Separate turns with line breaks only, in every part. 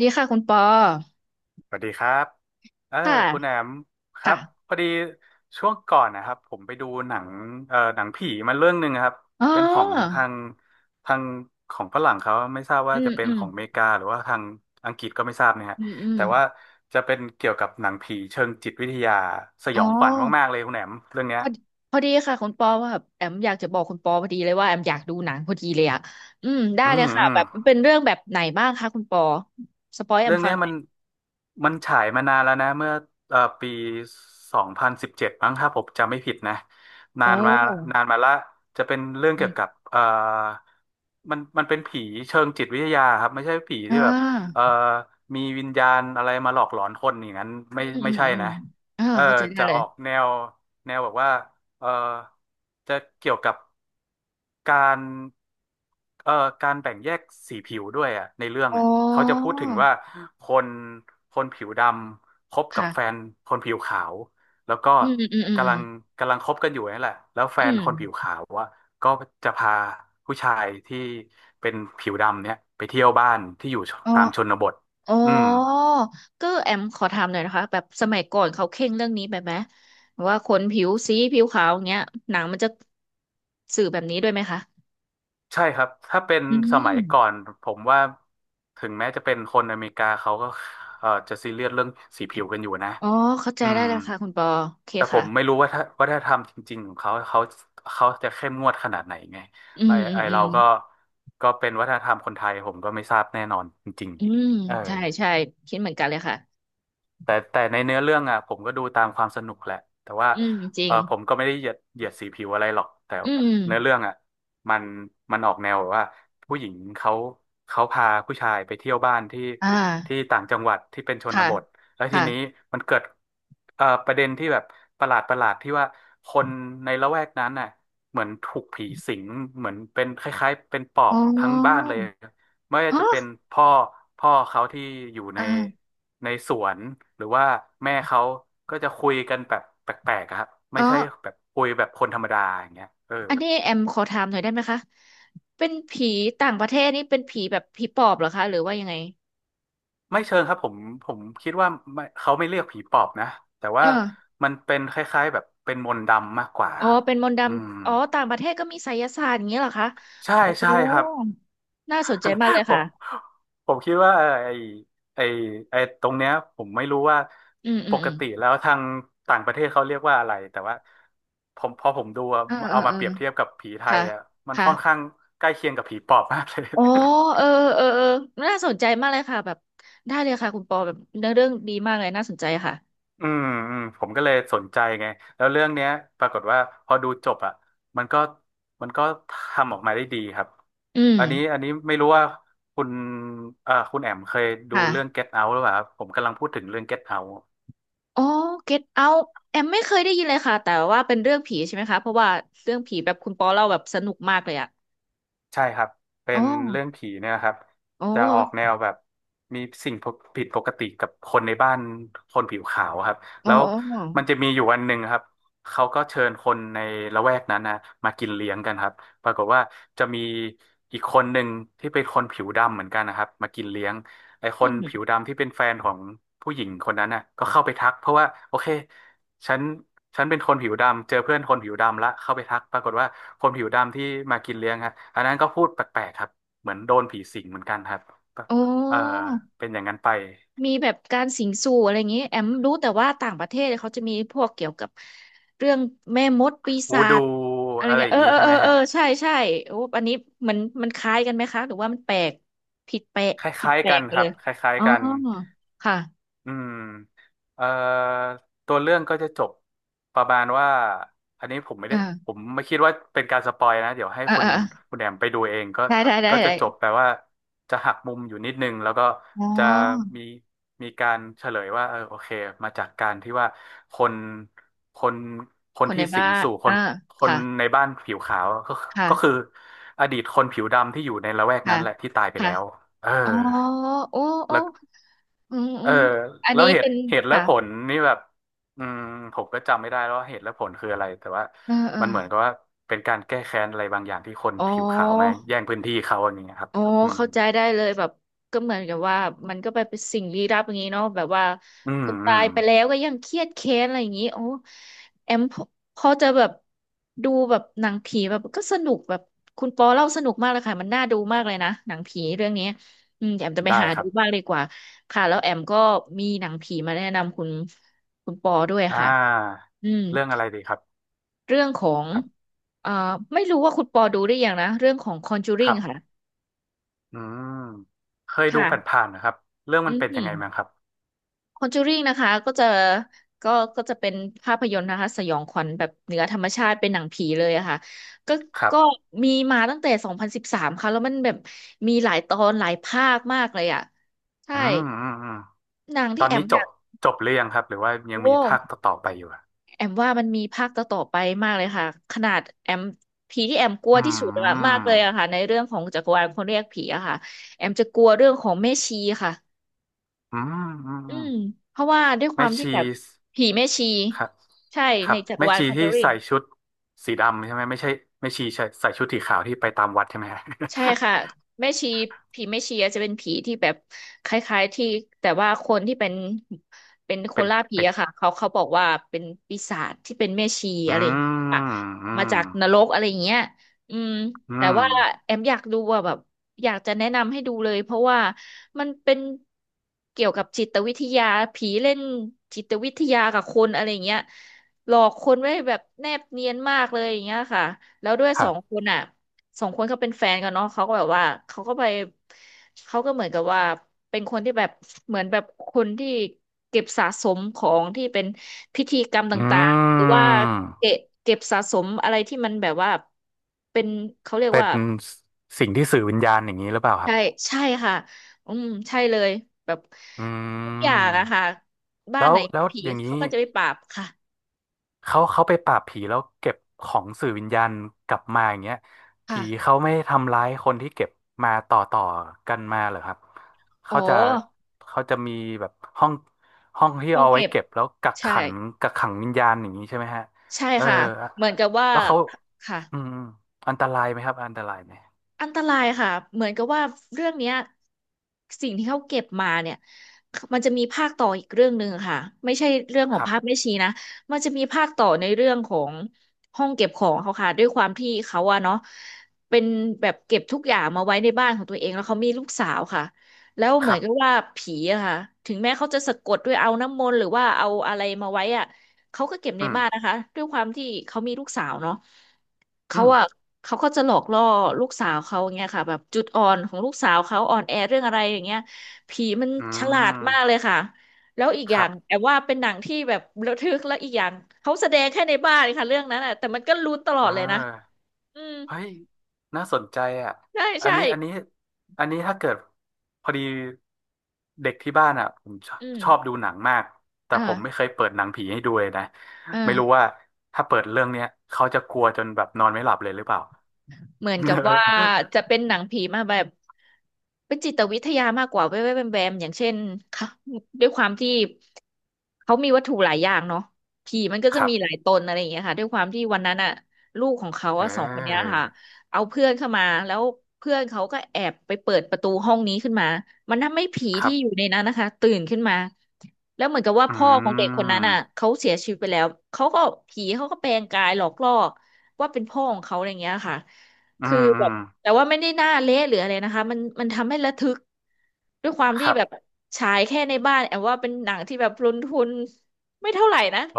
ดีค่ะคุณปอ
สวัสดีครับเออ
ค
คุณแอ
่ะ
มครั
ค่ะ
บพอดีช่วงก่อนนะครับผมไปดูหนังหนังผีมาเรื่องหนึ่งครับ
อ๋อ
เป็นของทางทางของฝรั่งเขาไม่ทราบ
อื
ว่า
ม
จะเป็น
อืม
ของอเมริกาหรือว่าทางอังกฤษก็ไม่ทราบเนี่ยฮะ
อืมอืม
แต่ว่าจะเป็นเกี่ยวกับหนังผีเชิงจิตวิทยาส
อ๋
ย
อ
องขวัญมากๆเลยคุณแอมเรื่องเนี้
พ
ย
อดีพอดีค่ะคุณปอว่าแบบแอมอยากจะบอกคุณปอพอดีเลยว่าแอมอยากดูหนังพอดีเลยอ่ะอืมได้
อื
เลย
ม
ค่ะ
อืม
แบบเป็นเรื่องแบบไหนบ้างคะคุณปอสปอยแอ
เรื่
ม
อง
ฟัง
เนี้ย
หน่อย
มันฉายมานานแล้วนะเมื่อปี2017มั้งถ้าผมจำไม่ผิดนะ
โอ
นานมา
้
นานมาละจะเป็นเรื่อง
อื
เกี่ยวกั
ม
บมันเป็นผีเชิงจิตวิทยาครับไม่ใช่ผีที่
อ่า
แบบเอ่อมีวิญญาณอะไรมาหลอกหลอนคนอย่างนั้น
อืมอื
ไม่
ม
ใช่
อืม
นะ
อ่า
เออ
เข้าใจได้
จะ
เล
อ
ย
อกแนวแบบว่าเออจะเกี่ยวกับ การเอ่อการแบ่งแยกสีผิวด้วยอ่ะในเรื่อง
อ๋อ
อ่ะเขาจะพูดถึงว่าคนคนผิวดำคบกับแฟ
ค่ะ
นคนผิวขาวแล้วก็
อืมอืมอืม
กำลังกำลังคบกันอยู่นี่แหละแล้วแฟ
อื
น
ม
คนผิวขาวว่าก็จะพาผู้ชายที่เป็นผิวดำเนี่ยไปเที่ยวบ้านที่อยู่
อ
ตา
ม
มชนบท
อ๋อ อ๋
อืม
อก็แอมขอถามหน่อยนะคะแบบสมัยก่อนเขาเคร่งเรื่องนี้แบบไหมว่าคนผิวสีผิวขาวอย่างเงี้ยหนังมันจะสื่อแบบนี้ด้วยไหมคะ
ใช่ครับถ้าเป็น
อื
สมัย
ม
ก่อนผมว่าถึงแม้จะเป็นคนอเมริกาเขาก็จะซีเรียสเรื่องสีผิวกันอยู่นะ
อ๋อเข้าใจ
อื
ได้
ม
แล้วค่ะคุณปอโอเค
แต่ผมไม่
ค่ะ
รู้ว่าถ้าวัฒนธรรมจริงๆของเขาเขาจะเข้มงวดขนาดไหนไง
อื
ไอ
มอื
ไอ
มอื
เรา
ม
ก็เป็นวัฒนธรรมคนไทยผมก็ไม่ทราบแน่นอนจริง
อืม
ๆเออ
ใช่ใช่คิดเหมือนกันเลยค่ะ
แต่ในเนื้อเรื่องอ่ะผมก็ดูตามความสนุกแหละแต่ว่า
อืมจริ
เอ
ง
อผมก็ไม่ได้เหยียดสีผิวอะไรหรอกแต่
อืม
เนื้อเรื่องอ่ะมันมันออกแนวแบบว่าผู้หญิงเขาพาผู้ชายไปเที่ยวบ้านที่
อ่า
ต่างจังหวัดที่เป็นชน
ค่ะ
บทแล้วทีนี้
ค่ะ
มันเกิดประเด็นที่แบบประหลาดที่ว่าคนในละแวกนั้นน่ะเหมือนถูกผีสิงเหมือนเป็นคล้ายๆเป็นปอ
อ๋
บ
อ
ทั้งบ้านเลย ไม่ว่าจะเป็น
ฮะ
พ่อเขาที่อยู่ใน
อ่า
สวนหรือว่าแม่เขาก็จะคุยกันแบบแปลกๆอะครับไม่
อ๋อ
ใช่แบบคุยแบบคนธรรมดาอย่างเงี้ยเออ
อันนี้แอมขอถามหน่อยได้ไหมคะเป็นผีต่างประเทศนี่เป็นผีแบบผีปอบเหรอคะหรือว่ายังไง
ไม่เชิงครับผมคิดว่าไม่เขาไม่เรียกผีปอบนะแต่
เอ
ว่า
อ
มันเป็นคล้ายๆแบบเป็นมนต์ดำมากกว่า
อ๋อ
ครับ
เป็นมนต์ด
อืม
ำอ๋อต่างประเทศก็มีไสยศาสตร์อย่างเงี้ยเหรอคะ
ใช่
โอ้
ใช่ครับ
น่าสนใจมากเลย
ผ
ค่ะ
มคิดว่าไอ้ไอ้ตรงเนี้ยผมไม่รู้ว่า
อืมอื
ป
ม
ก
อืม
ติแล้วทางต่างประเทศเขาเรียกว่าอะไรแต่ว่าผมพอผมดูอะ
เออเออ
เอา
เอ
มา
อ
เปรียบเทียบกับผีไท
ค่ะ
ยอ่ะมัน
ค่ะ
ค่อนข้างใกล้เคียงกับผีปอบมากเลย
อ๋อเออเออเออน่าสนใจมากเลยค่ะแบบได้เลยค่ะคุณปอแบบเนื้อเรื่องดีมากเลยน่าสนใจค่ะ
อืมอืมผมก็เลยสนใจไงแล้วเรื่องเนี้ยปรากฏว่าพอดูจบอ่ะมันก็มันก็ทำออกมาได้ดีครับ
อืม
อันนี้ไม่รู้ว่าคุณคุณแอมเคยดูเรื่อง
ค่ะ
Get Out หรือเปล่าครับผมกำลังพูดถึงเรื่อง Get Out
อ๋อ Get Out แอมไม่เคยได้ยินเลยค่ะแต่ว่าเป็นเรื่องผีใช่ไหมคะเพราะว่าเรื่องผีแบบคุณปอเล่าแบบสนุกมากเลยอะ
ใช่ครับเป็
อ๋อ
นเรื่องผีเนี่ยครับ
อ๋อ
จะออกแนวแบบมีสิ่งผิดปกติกับคนในบ้านคนผิวขาวครับ
อ๋อ
แล้ว
อ๋อ
มันจะมีอยู่วันหนึ่งครับเขาก็เชิญคนในละแวกนั้นนะมากินเลี้ยงกันครับปรากฏว่าจะมีอีกคนหนึ่งที่เป็นคนผิวดำเหมือนกันนะครับมากินเลี้ยงไอ้ค
อื
นผิว
ม
ดำที่เป็นแฟนของผู้หญิงคนนั้นน่ะก็เข้าไปทักเพราะว่าโอเค ฉันเป็นคนผิวดำเจอเพื่อนคนผิวดำละเข้าไปทักปรากฏว่าคนผิวดำที่มากินเลี้ยงฮะอันนั้นก็พูดแปลกๆครับเหมือนโดนผีสิงเหมือนกันครับ
อ๋
เออ
อ
เป็นอย่างนั้นไป
มีแบบการสิงสู่อะไรอย่างงี้แอมรู้แต่ว่าต่างประเทศเขาจะมีพวกเกี่ยวกับเรื่องแม่มดปี
วู
ศา
ดู
จอะไร
อะไร
เงี้
อ
ย
ย่า
เอ
ง
อ
นี้
เออ
ใช่
เอ
ไห
อ
ม
เอ
ฮะ
อใช่ใช่โอ้อันนี้มันมันคล้ายกันไหมคะหรือว่ามันแปลกผิดแปลก
ค
ผิด
ล้าย
แป
ๆ
ล
กั
ก
น
ไป
ครั
เล
บ
ย
คล้าย
อ๋อ
ๆกัน
ค่ะ
อืมเอ่อตัวเรื่องก็จะจบประมาณว่าอันนี้ผมไม่ได้ผ
อ่า
มไม่คิดว่าเป็นการสปอยนะเดี๋ยวให้
อ่า
คุณ
อ่าอ่า
แอมไปดูเองก็
ได้ได้ได้
ก็จะ
ได้
จบแปลว่าจะหักมุมอยู่นิดนึงแล้วก็
อ๋
จะ
อ
มีการเฉลยว่าเออโอเคมาจากการที่ว่าคนคนค
ค
น
นใน
ที่สิ
บ้า
ง
น
สู่
อ่า
คนใน
ค่ะ
บ้านผิวขาวก็ก็คือ
ค่ะ
อดีตคนผิวดำที่อยู่ในละแวก
ค่ะ
นั้นแหละที่ตายไป
ค่ะ
แล้วเออ
อ๋อโอ้โอ้อืม
เอ
อื
อ
มอัน
แล้ว
นี้
เห
เป็
ตุ
น
เหตุและ
ค่ะ
ผลนี่แบบอืมผมก็จำไม่ได้แล้วว่าเหตุและผลคืออะไรแต่ว่า
เออเออ
มันเหมือนกับว่าเป็นการแก้แค้นอะไรบางอย่างที่คน
อ๋
ผิวขาวมา
อ
แย่งพื้นที่เขาอย่างเงี้ยครับ
อ๋อ
อืม
เข้าใจได้เลยแบบก็เหมือนกับว่ามันก็ไปเป็นสิ่งลี้ลับอย่างนี้เนาะแบบว่า
อื
ค
ม
น
อื
ตา
ม
ยไปแล้วก็ยังเครียดแค้นอะไรอย่างนี้โอ้แอมพอจะแบบดูแบบหนังผีแบบก็สนุกแบบคุณปอเล่าสนุกมากเลยค่ะมันน่าดูมากเลยนะหนังผีเรื่องนี้อืมเดี๋ยวแอมจะไป
ได้
หา
ค
ดู
รั
บ้าง
บ
ดีกว่าค่ะแล้วแอมก็มีหนังผีมาแนะนำคุณปอด้วย
อ่
ค่ะ
า
อืม
เรื่องอะไรดีครับ
เรื่องของ
ครับ
เอ่อไม่รู้ว่าคุณปอดูได้ยังนะเรื่องของ
ค
Conjuring
รับ
ค่ะ
อืมเคยดูผ
ค่ะ
่านๆนะครับเรื่อง
อื
มันเป็นยังไง
ม
มั้างครับ
คอนจูริงนะคะก็จะก็ก็จะเป็นภาพยนตร์นะคะสยองขวัญแบบเหนือธรรมชาติเป็นหนังผีเลยอะค่ะก็
ครับ
ก็มีมาตั้งแต่2013ค่ะแล้วมันแบบมีหลายตอนหลายภาคมากเลยอะใช่
อืมอืมอืม
หนัง
ต
ที่
อน
แอ
นี้
ม
จ
อยา
บ
ก
จบหรือยังครับหรือว่ายัง
โอ้
มีภาคต่อๆไปอยู่อะ
แอมว่ามันมีภาคต่อๆไปมากเลยค่ะขนาดแอมผีที่แอมกลัว
อื
ที่สุดอะมาก
ม
เลยอะค่ะในเรื่องของจักรวาลคนเรียกผีอะค่ะแอมจะกลัวเรื่องของแม่ชีค่ะ
อืมอืม
อื
อืม
มเพราะว่าด้วยค
แม่
วามที่
ชี
แบบผีแม่ชี
ครับ
ใช่
ค
ใน
รับ
จักร
แม่
วาล
ชี
คอนเจ
ที่
อริง
ใส่ชุดสีดำใช่ไหมไม่ใช่แม่ชีใส่ชุดสีขาวที่ไปตามวัดใช่ไหมฮะ
ใช่ค่ะแม่ชีผีแม่ชีอาจจะเป็นผีที่แบบคล้ายๆที่แต่ว่าคนที่เป็นเป็น ค
เป็
น
น
ล่าผี
ไป
อะค่ะเขาเขาบอกว่าเป็นปีศาจที่เป็นแม่ชี
อื
อะไรอย่างเงี้ยค่ะ
มอื
มา
ม
จากนรกอะไรอย่างเงี้ยอืม
อื
แต่ว่า
ม
แอมอยากดูอะแบบอยากจะแนะนำให้ดูเลยเพราะว่ามันเป็นเกี่ยวกับจิตวิทยาผีเล่นจิตวิทยากับคนอะไรอย่างเงี้ยหลอกคนไว้แบบแนบเนียนมากเลยอย่างเงี้ยค่ะแล้วด้วย
ค
สอ
รั
ง
บ
คนอ่ะ สองคนเขาเป็นแฟนกันเนาะเขาก็แบบว่าเขาก็ไปเขาก็เหมือนกับว่าเป็นคนที่แบบเหมือนแบบคนที่เก็บสะสมของที่เป็นพิธีกรรม
อื
ต่างๆหรือว่าเก็
ม
บเก็บสะสมอะไรที่มันแบบว่าเป็นเขาเรียก
เป็น
ว่า
สิ่งที่สื่อวิญญาณอย่างนี้หรือเปล่าครั
ใช่
บ
ใช่ค่ะอืมใช่เลยแบบ
อื
ทุกอย่าง
ม
อะค่ะบ้าน
แล้
ไห
ว
นมีผี
อย่าง
เขา
นี้
ก็จะไปปราบค่ะ
เขาไปปราบผีแล้วเก็บของสื่อวิญญาณกลับมาอย่างเงี้ยผี
ค่ะ
เขาไม่ทำร้ายคนที่เก็บมาต่อกันมาเหรอครับ
อ๋อ
เขาจะเขาจะมีแบบห้องห้องที่
ห้อง
เอาไว้
เก็บ
เก็บแล้วกัก
ใช่
ขังกักขังวิญญาณอย่างนี้ใช่ไหมฮะ
ใช่
เออ
ค่ะเหมือนกับว่า
แล้วเขา
ค่ะ
อืมอมอันตรายไหมครับอันตรายไหม
อันตรายค่ะเหมือนกับว่าเรื่องเนี้ยสิ่งที่เขาเก็บมาเนี่ยมันจะมีภาคต่ออีกเรื่องหนึ่งค่ะไม่ใช่เรื่องข
ค
อง
รับ
ภาพแม่ชีนะมันจะมีภาคต่อในเรื่องของห้องเก็บของเขาค่ะด้วยความที่เขาอะเนาะเป็นแบบเก็บทุกอย่างมาไว้ในบ้านของตัวเองแล้วเขามีลูกสาวค่ะแล้ว
ค
เหมือ
รั
นกับ
บ
ว่าผีอะค่ะถึงแม้เขาจะสะกดด้วยเอาน้ำมนต์หรือว่าเอาอะไรมาไว้อะ เขาก็เก็บใน
อืม
บ้านนะคะด้วยความที่เขามีลูกสาวเนาะเขา
อืม
อะเขาก็จะหลอกล่อลูกสาวเขาอย่างเงี้ยค่ะแบบจุดอ่อนของลูกสาวเขาอ่อนแอเรื่องอะไรอย่างเงี้ยผีมัน
อื
ฉลาดมากเลย
ม
ค่ะแล้วอีกอ
ค
ย่า
รั
ง
บ
แอบว่าเป็นหนังที่แบบระทึกแล้วอีกอย่างเขาแสดงแค่ในบ้านค่ะเรื่องนั้นอะแต่มันก็ลุ้นตลอ
เอ
ด
อ
เลยนะอืม
เฮ้ยน่าสนใจอ่ะ
ใช่
อัน
ใช่
นี้อันนี้อันนี้ถ้าเกิดพอดีเด็กที่บ้านอ่ะผมชอบ
อืม
ชอบดูหนังมาก แต่ผมไม่
อ่า
เคยเปิดหนังผีให้ดูเลยนะไม่รู้
อ่า
ว่าถ้าเปิดเรื่องเนี้ยเขาจะกลัวจนแบบนอนไม่หลับเลยหรือเปล่า
เหมือนกับว่า จะเป็นหนังผีมาแบบเป็นจิตวิทยามากกว่าแวบๆแวมๆอย่างเช่นค่ะด้วยความที่เขามีวัตถุหลายอย่างเนาะผีมันก็
ค
จะ
รั
มีห
บ
ลายตนอะไรอย่างเงี้ยค่ะด้วยความที่วันนั้นอะลูกของเขา
เ
อะสองคนเนี้ย
ออ
ค่ะเอาเพื่อนเข้ามาแล้วเพื่อนเขาก็แอบไปเปิดประตูห้องนี้ขึ้นมามันทำให้ผี
ครั
ที่
บ
อยู่ในนั้นนะคะตื่นขึ้นมาแล้วเหมือนกับว่า
อื
พ่อของเด็กคนนั้นอ่ะ
ม
เขาเสียชีวิตไปแล้วเขาก็ผีเขาก็แปลงกายหลอกล่อว่าเป็นพ่อของเขาอะไรอย่างเงี้ยค่ะ
อื
คือ
มอื
แบ
ม
บแต่ว่าไม่ได้หน้าเละหรืออะไรนะคะมันทำให้ระทึกด้วยความ
ค
ที่
รั
แบบ
บ
ฉายแค่ในบ้านแอบว่าเป็นหนังที่แบบลงทุนไม่เท่าไหร่นะ
โอ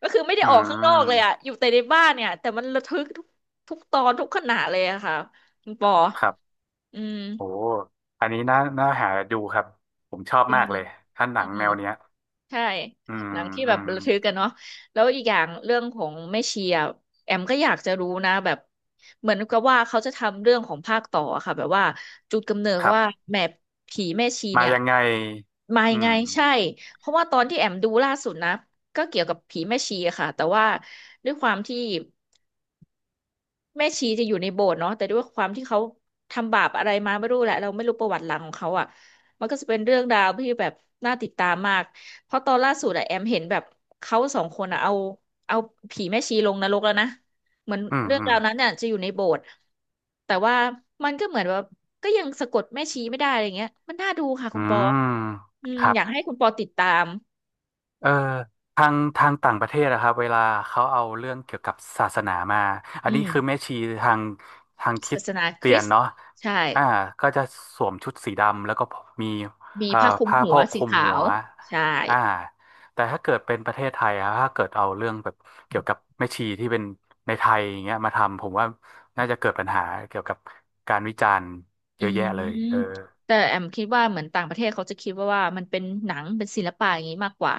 ก็คือไม่ได้
อื
ออกข้างนอก
ม
เลยอะอยู่แต่ในบ้านเนี่ยแต่มันระทึกทุกตอนทุกขณะเลยอะค่ะคุณปอ
ครับ
อืม
โอ้อันนี้น่าหาดูครับ ผมชอบ
จริ
มาก
ง
เลยถ้าหนั
อื
ง
ม
แนวเนี้ย
ใช่
อืม
หนังที่
อื
แบบ
ม
ระทึกกันเนาะแล้วอีกอย่างเรื่องของแม่ชีอะแอมก็อยากจะรู้นะแบบเหมือนกับว่าเขาจะทำเรื่องของภาคต่ออะค่ะแบบว่าจุดกำเนิด
ครั
ว่า
บ
แม่ผีแม่ชี
มา
เนี่ย
ยังไง
มา
อื
ยังไง
ม
ใช่ เพราะว่าตอนที่แอมดูล่าสุดนะก็เกี่ยวกับผีแม่ชีอะค่ะแต่ว่าด้วยความที่ แม่ชีจะอยู่ในโบสถ์เนาะแต่ด้วยความที่เขาทำบาปอะไรมาไม่รู้แหละเราไม่รู้ประวัติหลังของเขาอ่ะมันก็จะเป็นเรื่องราวที่แบบน่าติดตามมากเพราะตอนล่าสุดอะแอมเห็นแบบเขาสองคนอะเอาผีแม่ชีลงนรกแล้วนะเหมือน
อืม
เรื่อง
อืม
ราวนั้นเนี่ยจะอยู่ในโบสถ์แต่ว่ามันก็เหมือนว่าก็ยังสะกดแม่ชีไม่ได้อะไรเงี้ยมันน่าดูค่ะคุ
อื
ณปอ
ม
อืม
ครั
อ
บ
ยากให้คุณปอติดตาม
เอ่อทางต่างประเทศนะครับเวลาเขาเอาเรื่องเกี่ยวกับศาสนามาอัน
อื
นี้คือแม่
ม
ชีทางทางคริ
ศา
ส
สนาค
เตีย
ริ
น
สต์
เนาะ
ใช่
อ่าก็จะสวมชุดสีดำแล้วก็มี
มี
เอ่อ
ผ้าคลุม
ผ้า
หั
โพ
ว
กค
สี
ลุม
ขา
หัว
วใช่
อ่าแต่ถ้าเกิดเป็นประเทศไทยอะถ้าเกิดเอาเรื่องแบบเกี่ยวกับแม่ชีที่เป็นในไทยอย่างเงี้ยมาทำผมว่าน่าจะเกิดปัญหาเกี่ยวกับการวิจารณ์
อื
เยอะแยะเลยเออ
มแต่แอมคิดว่าเหมือนต่างประเทศเขาจะคิดว่าว่ามันเป็นหนังเป็นศิลปะอย่างนี้มากกว่า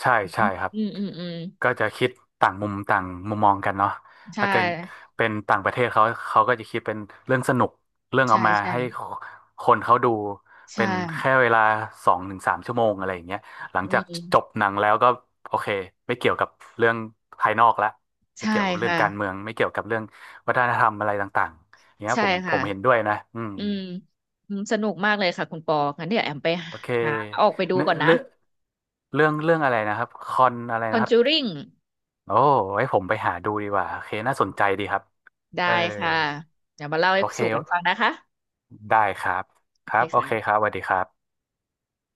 ใช่ใช่ครับ
อืมอืมอืม
ก็จะคิดต่างมุมต่างมุมมองกันเนาะ
ใช่
ถ้าเกิดเป็นต่างประเทศเขาเขาก็จะคิดเป็นเรื่องสนุกเรื่องเอา
ใช่
มา
ใช่
ให้คนเขาดู
ใช่
เป็นแค่เวลา2 ถึง 3 ชั่วโมงอะไรอย่างเงี้ยหลั
อื
งจากจบ
ม
หนังแล้วก็โอเคไม่เกี่ยวกับเรื่องภายนอกละไม่
ใช่
เกี่ยวกับเรื่อง
ค่ะ
การเมืองไม่เกี่ยวกับเรื่องวัฒนธรรมอะไรต่างๆอย่างเงี้ย
ใช่
ผมผ
ค่ะ
มเห็นด้วยนะอืม
อืมอืมสนุกมากเลยค่ะคุณปองั้นเดี๋ยวแอมไป
โอเค
หาออกไปดู
เนื้อ
ก่อนนะ
เรื่องเรื่องอะไรนะครับคอนอะไรนะครับ
Conjuring
โอ้ไว้ผมไปหาดูดีกว่าโอเคน่าสนใจดีครับ
ได้
เออ
ค่ะเดี๋ยวมาเล่าให้
โอเค
สู่กันฟังนะคะ
ได้ครับ
โอ
ค
เค
รับ โอเคครั
ค่ะ
บสวัสดีครับ